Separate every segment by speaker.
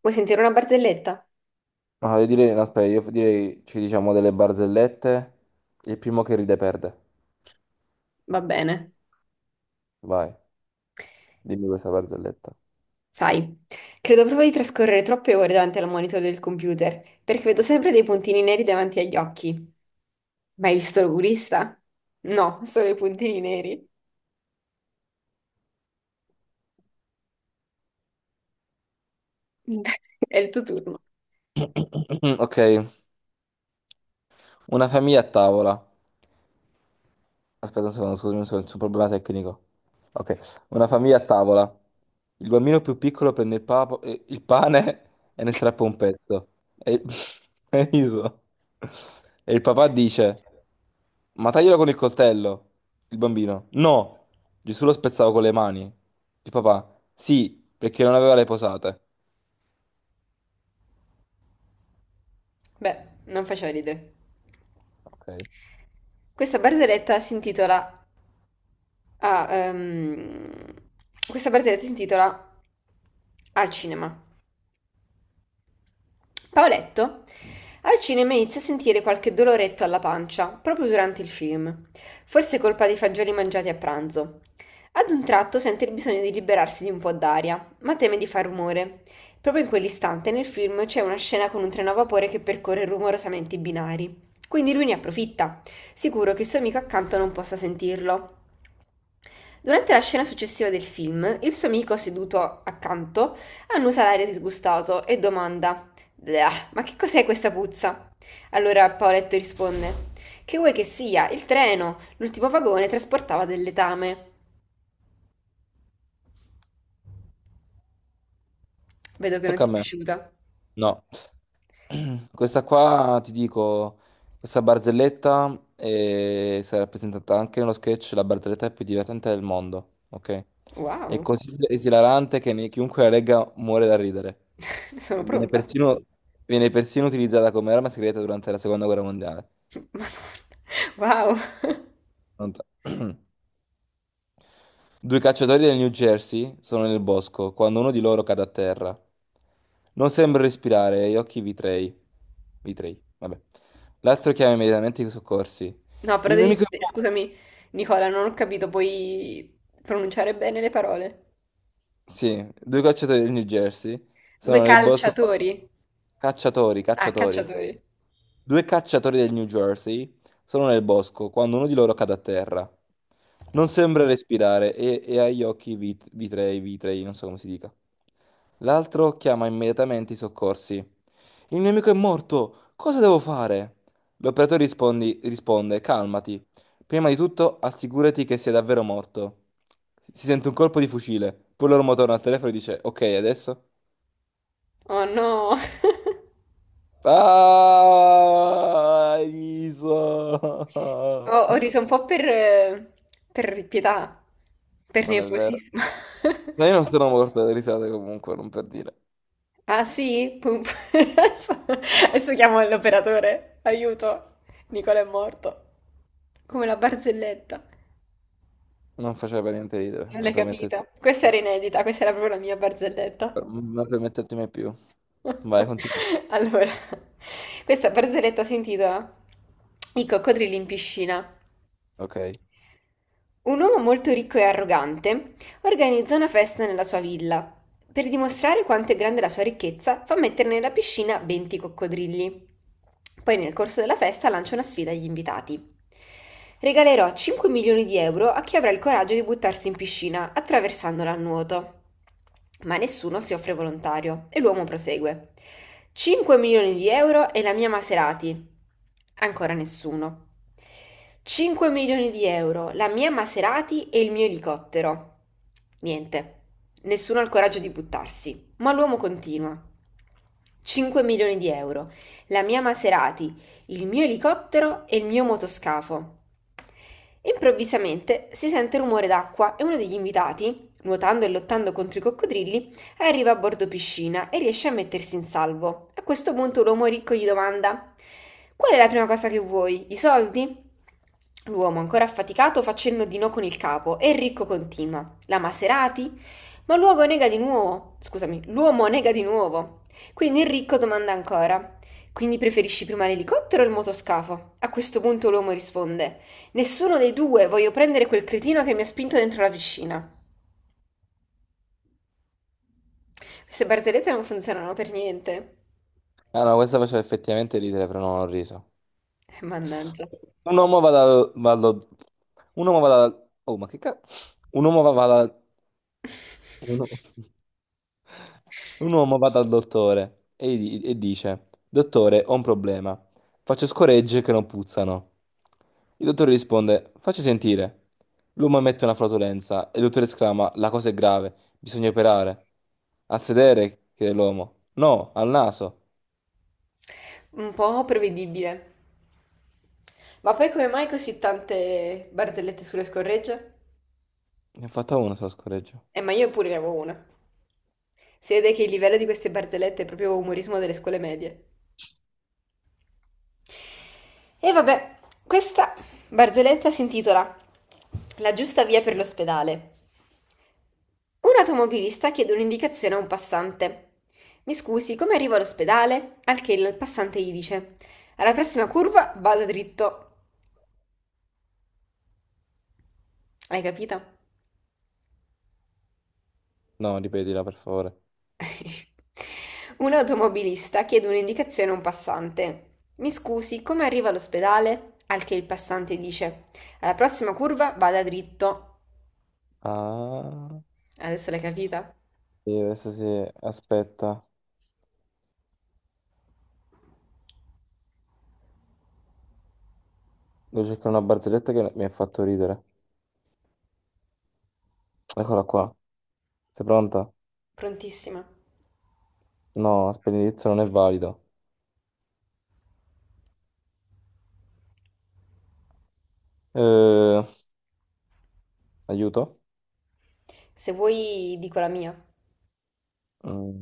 Speaker 1: Vuoi sentire una barzelletta?
Speaker 2: No, io direi, no, aspetta, io direi ci diciamo delle barzellette. Il primo che ride perde.
Speaker 1: Va bene.
Speaker 2: Vai, dimmi questa barzelletta.
Speaker 1: Sai, credo proprio di trascorrere troppe ore davanti al monitor del computer, perché vedo sempre dei puntini neri davanti agli occhi. Ma hai visto l'oculista? No, solo i puntini neri. Mm. È il tuo turno.
Speaker 2: Ok, una famiglia a tavola. Aspetta un secondo, scusami un secondo, c'è un problema tecnico. Ok, una famiglia a tavola. Il bambino più piccolo prende il, il pane e ne strappa un pezzo. E il... e riso. E il papà dice, ma taglielo con il coltello. Il bambino, no, Gesù lo spezzava con le mani. Il papà, sì, perché non aveva le posate.
Speaker 1: Beh, non faceva ridere.
Speaker 2: Ok,
Speaker 1: Questa barzelletta si intitola... ah, questa barzelletta si intitola Al cinema. Paoletto al cinema inizia a sentire qualche doloretto alla pancia, proprio durante il film, forse colpa dei fagioli mangiati a pranzo. Ad un tratto sente il bisogno di liberarsi di un po' d'aria, ma teme di far rumore. Proprio in quell'istante nel film c'è una scena con un treno a vapore che percorre rumorosamente i binari. Quindi lui ne approfitta, sicuro che il suo amico accanto non possa sentirlo. Durante la scena successiva del film, il suo amico seduto accanto annusa l'aria disgustato e domanda: "Bleah, ma che cos'è questa puzza?" Allora Paoletto risponde: "Che vuoi che sia? Il treno, l'ultimo vagone trasportava del letame." Vedo che non
Speaker 2: tocca a
Speaker 1: ti è
Speaker 2: me.
Speaker 1: piaciuta.
Speaker 2: No. Questa qua ti dico, questa barzelletta si è rappresentata anche nello sketch, la barzelletta più divertente del mondo, ok? È
Speaker 1: Wow,
Speaker 2: così esilarante che chiunque la legga muore da ridere.
Speaker 1: sono
Speaker 2: E
Speaker 1: pronta.
Speaker 2: viene persino utilizzata come arma segreta durante la seconda guerra mondiale.
Speaker 1: Madonna, wow.
Speaker 2: Pronto? Due cacciatori del New Jersey sono nel bosco quando uno di loro cade a terra. Non sembra respirare e gli occhi vitrei. Vitrei, vabbè. L'altro chiama immediatamente i soccorsi.
Speaker 1: No, però
Speaker 2: Il mio amico è
Speaker 1: devi,
Speaker 2: morto.
Speaker 1: scusami, Nicola, non ho capito, puoi pronunciare bene le parole.
Speaker 2: Sì, due cacciatori del New Jersey
Speaker 1: Due
Speaker 2: sono nel bosco.
Speaker 1: calciatori.
Speaker 2: Cacciatori,
Speaker 1: Ah,
Speaker 2: cacciatori.
Speaker 1: cacciatori.
Speaker 2: Due cacciatori del New Jersey sono nel bosco quando uno di loro cade a terra. Non sembra respirare e ha gli occhi vitrei, vitrei, non so come si dica. L'altro chiama immediatamente i soccorsi. Il mio amico è morto, cosa devo fare? L'operatore risponde, calmati. Prima di tutto assicurati che sia davvero morto. Si sente un colpo di fucile, poi l'uomo torna al telefono e dice, ok, adesso?
Speaker 1: Oh no,
Speaker 2: Ah,
Speaker 1: ho,
Speaker 2: riso.
Speaker 1: ho riso un po' per pietà, per
Speaker 2: Non è vero.
Speaker 1: nervosismo.
Speaker 2: Ma io non sono morto dalle risate comunque, non per dire.
Speaker 1: Ah sì? Pum- Adesso, adesso chiamo l'operatore. Aiuto, Nicola è morto. Come la barzelletta.
Speaker 2: Non faceva per niente ridere,
Speaker 1: Non
Speaker 2: non
Speaker 1: l'hai
Speaker 2: permettetemi,
Speaker 1: capita? Questa era inedita, questa era proprio la mia barzelletta.
Speaker 2: non permettetemi mai più. Vai, continua.
Speaker 1: Allora, questa barzelletta si intitola I coccodrilli in piscina.
Speaker 2: Ok.
Speaker 1: Un uomo molto ricco e arrogante organizza una festa nella sua villa. Per dimostrare quanto è grande la sua ricchezza, fa mettere nella piscina 20 coccodrilli. Poi nel corso della festa lancia una sfida agli invitati. Regalerò 5 milioni di euro a chi avrà il coraggio di buttarsi in piscina attraversandola a nuoto. Ma nessuno si offre volontario e l'uomo prosegue. 5 milioni di euro e la mia Maserati. Ancora nessuno. 5 milioni di euro, la mia Maserati e il mio elicottero. Niente. Nessuno ha il coraggio di buttarsi, ma l'uomo continua. 5 milioni di euro, la mia Maserati, il mio elicottero e il mio motoscafo. Improvvisamente si sente rumore d'acqua e uno degli invitati, nuotando e lottando contro i coccodrilli, arriva a bordo piscina e riesce a mettersi in salvo. A questo punto l'uomo ricco gli domanda: Qual è la prima cosa che vuoi? I soldi? L'uomo, ancora affaticato, fa cenno di no con il capo e il ricco continua: La Maserati? Ma l'uomo nega di nuovo. Scusami, l'uomo nega di nuovo. Quindi il ricco domanda ancora: Quindi preferisci prima l'elicottero o il motoscafo? A questo punto l'uomo risponde: Nessuno dei due, voglio prendere quel cretino che mi ha spinto dentro la piscina. Queste barzellette non funzionano per niente.
Speaker 2: Ah no, questa faceva effettivamente ridere, però non ho riso.
Speaker 1: Mannaggia.
Speaker 2: Un uomo va dal... va dal- Un uomo va dal... Oh, ma che cazzo? Un u- un uomo va dal dottore e, e dice: Dottore, ho un problema. Faccio scoregge che non puzzano. Il dottore risponde: Facci sentire. L'uomo emette una flatulenza e il dottore esclama: La cosa è grave, bisogna operare. Al sedere, chiede l'uomo. No, al naso.
Speaker 1: Un po' prevedibile. Ma poi come mai così tante barzellette sulle scorregge?
Speaker 2: Ne ho fatta uno solo scoreggio.
Speaker 1: Ma io pure ne avevo una. Si vede che il livello di queste barzellette è proprio umorismo delle scuole medie. E vabbè, questa barzelletta si intitola La giusta via per l'ospedale. Un automobilista chiede un'indicazione a un passante. Mi scusi, come arrivo all'ospedale? Al che il passante gli dice: Alla prossima curva vada dritto. L'hai capita?
Speaker 2: No, ripetila per favore.
Speaker 1: Un automobilista chiede un'indicazione a un passante. Mi scusi, come arrivo all'ospedale? Al che il passante dice: Alla prossima curva vada dritto.
Speaker 2: Ah,
Speaker 1: Adesso l'hai capita?
Speaker 2: sì, adesso sì, aspetta. Devo cercare una barzelletta che mi ha fatto ridere. Eccola qua. Sei pronta?
Speaker 1: Prontissima.
Speaker 2: No, benedizio non è valida. Eh, aiuto.
Speaker 1: Se vuoi dico la mia.
Speaker 2: Mm,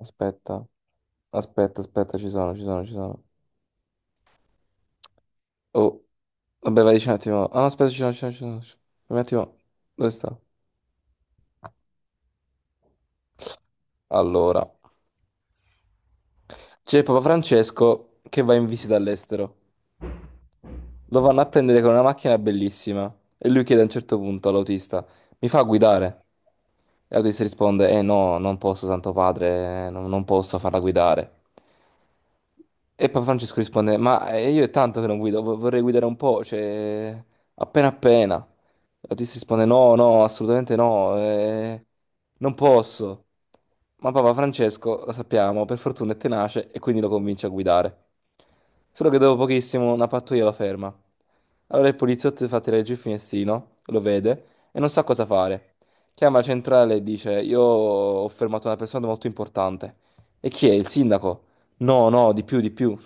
Speaker 2: aspetta, aspetta, ci sono, ci sono. Oh, vabbè, vai, dici un attimo. Ah, no, aspetta, ci sono, ci sono. Un attimo, dove sta? Allora, c'è Papa Francesco che va in visita all'estero. Lo vanno a prendere con una macchina bellissima e lui chiede a un certo punto all'autista, mi fa guidare? E l'autista risponde, eh no, non posso, Santo Padre, non posso farla guidare. E Papa Francesco risponde, ma io è tanto che non guido, vorrei guidare un po', cioè appena appena. L'autista risponde: No, no, assolutamente no, non posso. Ma Papa Francesco, lo sappiamo, per fortuna è tenace e quindi lo convince a guidare. Solo che dopo pochissimo una pattuglia lo ferma. Allora il poliziotto fa tirare giù il finestrino, lo vede e non sa cosa fare. Chiama la centrale e dice: Io ho fermato una persona molto importante. E chi è? Il sindaco? No, no, di più, di più.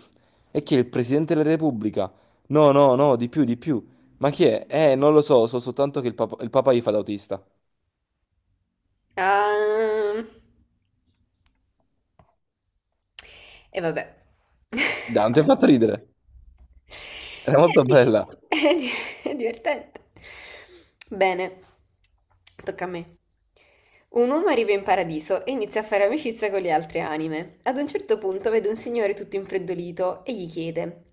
Speaker 2: E chi è il Presidente della Repubblica? No, no, no, di più, di più. Ma chi è? Non lo so, so soltanto che il Papa gli fa da autista.
Speaker 1: Ah, e vabbè.
Speaker 2: Dai, non ti ha fatto ridere. Era
Speaker 1: Eh
Speaker 2: molto
Speaker 1: sì,
Speaker 2: bella.
Speaker 1: è di- è divertente. Bene, tocca a me. Un uomo arriva in paradiso e inizia a fare amicizia con le altre anime. Ad un certo punto vede un signore tutto infreddolito e gli chiede: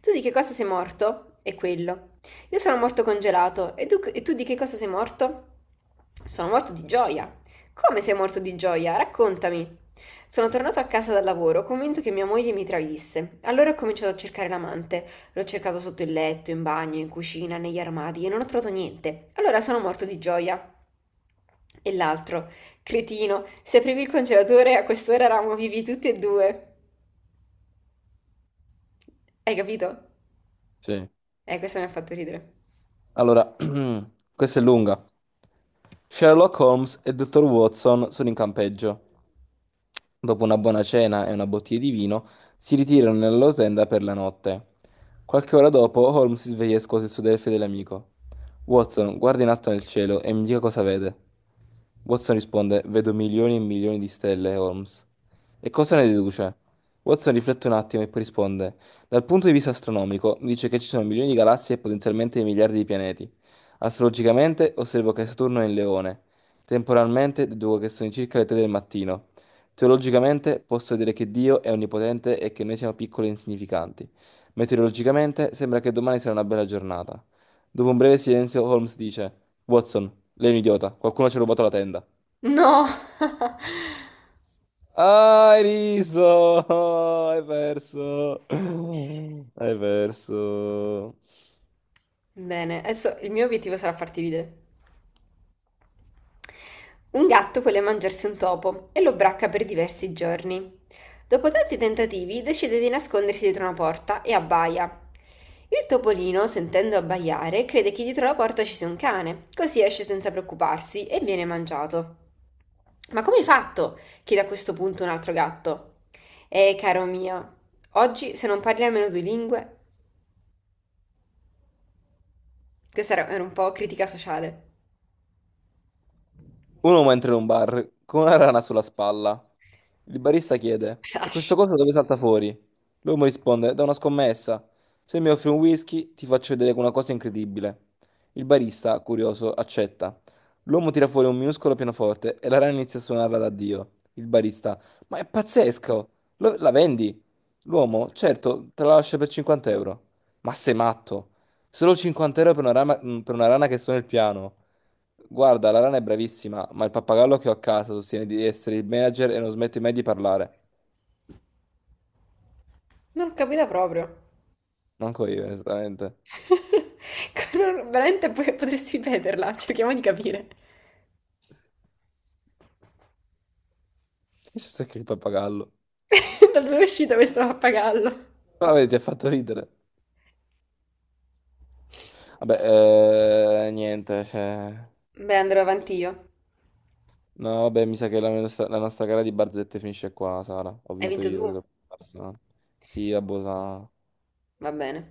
Speaker 1: Tu di che cosa sei morto? E quello. Io sono morto congelato. E tu di che cosa sei morto? Sono morto di gioia. Come sei morto di gioia? Raccontami. Sono tornato a casa dal lavoro, convinto che mia moglie mi tradisse. Allora ho cominciato a cercare l'amante. L'ho cercato sotto il letto, in bagno, in cucina, negli armadi e non ho trovato niente. Allora sono morto di gioia. E l'altro, cretino, se aprivi il congelatore a quest'ora eravamo vivi tutti e due. Hai capito?
Speaker 2: Sì.
Speaker 1: Questo mi ha fatto ridere.
Speaker 2: Allora, questa è lunga. Sherlock Holmes e Dottor Watson sono in campeggio. Dopo una buona cena e una bottiglia di vino, si ritirano nella loro tenda per la notte. Qualche ora dopo, Holmes si sveglia e scuote il suo del fedele amico. Watson, guarda in alto nel cielo e mi dica cosa vede. Watson risponde: Vedo milioni e milioni di stelle, Holmes. E cosa ne deduce? Watson riflette un attimo e poi risponde: dal punto di vista astronomico, dice che ci sono milioni di galassie e potenzialmente miliardi di pianeti. Astrologicamente, osservo che Saturno è in Leone. Temporalmente, deduco che sono circa le 3 del mattino. Teologicamente, posso vedere che Dio è onnipotente e che noi siamo piccoli e insignificanti. Meteorologicamente, sembra che domani sarà una bella giornata. Dopo un breve silenzio, Holmes dice: Watson, lei è un idiota, qualcuno ci ha rubato la tenda.
Speaker 1: No!
Speaker 2: Ah, hai riso! Hai perso! Hai perso!
Speaker 1: Bene, adesso il mio obiettivo sarà farti ridere. Un gatto vuole mangiarsi un topo e lo bracca per diversi giorni. Dopo tanti tentativi decide di nascondersi dietro una porta e abbaia. Il topolino, sentendo abbaiare, crede che dietro la porta ci sia un cane, così esce senza preoccuparsi e viene mangiato. Ma come hai fatto? Chiede a questo punto un altro gatto. Caro mio, oggi se non parli almeno due lingue, questa era un po' critica sociale.
Speaker 2: Un uomo entra in un bar con una rana sulla spalla. Il barista chiede: E questo
Speaker 1: Splash.
Speaker 2: coso dove salta fuori? L'uomo risponde: Da una scommessa. Se mi offri un whisky, ti faccio vedere una cosa incredibile. Il barista, curioso, accetta. L'uomo tira fuori un minuscolo pianoforte e la rana inizia a suonarla da Dio. Il barista: Ma è pazzesco! La vendi? L'uomo: Certo, te la lascio per 50 euro. Ma sei matto! Solo 50 euro per una per una rana che suona il piano. Guarda, la rana è bravissima, ma il pappagallo che ho a casa sostiene di essere il manager e non smette mai di parlare.
Speaker 1: Non l'ho capita proprio.
Speaker 2: Manco io, onestamente.
Speaker 1: Veramente potresti ripeterla, cerchiamo di capire.
Speaker 2: Che c'è che il pappagallo?
Speaker 1: Da dove è uscita questo pappagallo?
Speaker 2: Però vedi, ti ha fatto ridere. Vabbè, niente, cioè...
Speaker 1: Beh, andrò avanti io.
Speaker 2: No, vabbè, mi sa che la nostra gara di barzette finisce qua, Sara. Ho
Speaker 1: Hai
Speaker 2: vinto
Speaker 1: vinto tu?
Speaker 2: io. Se te lo- Sì, vabbè, Sara.
Speaker 1: Va bene.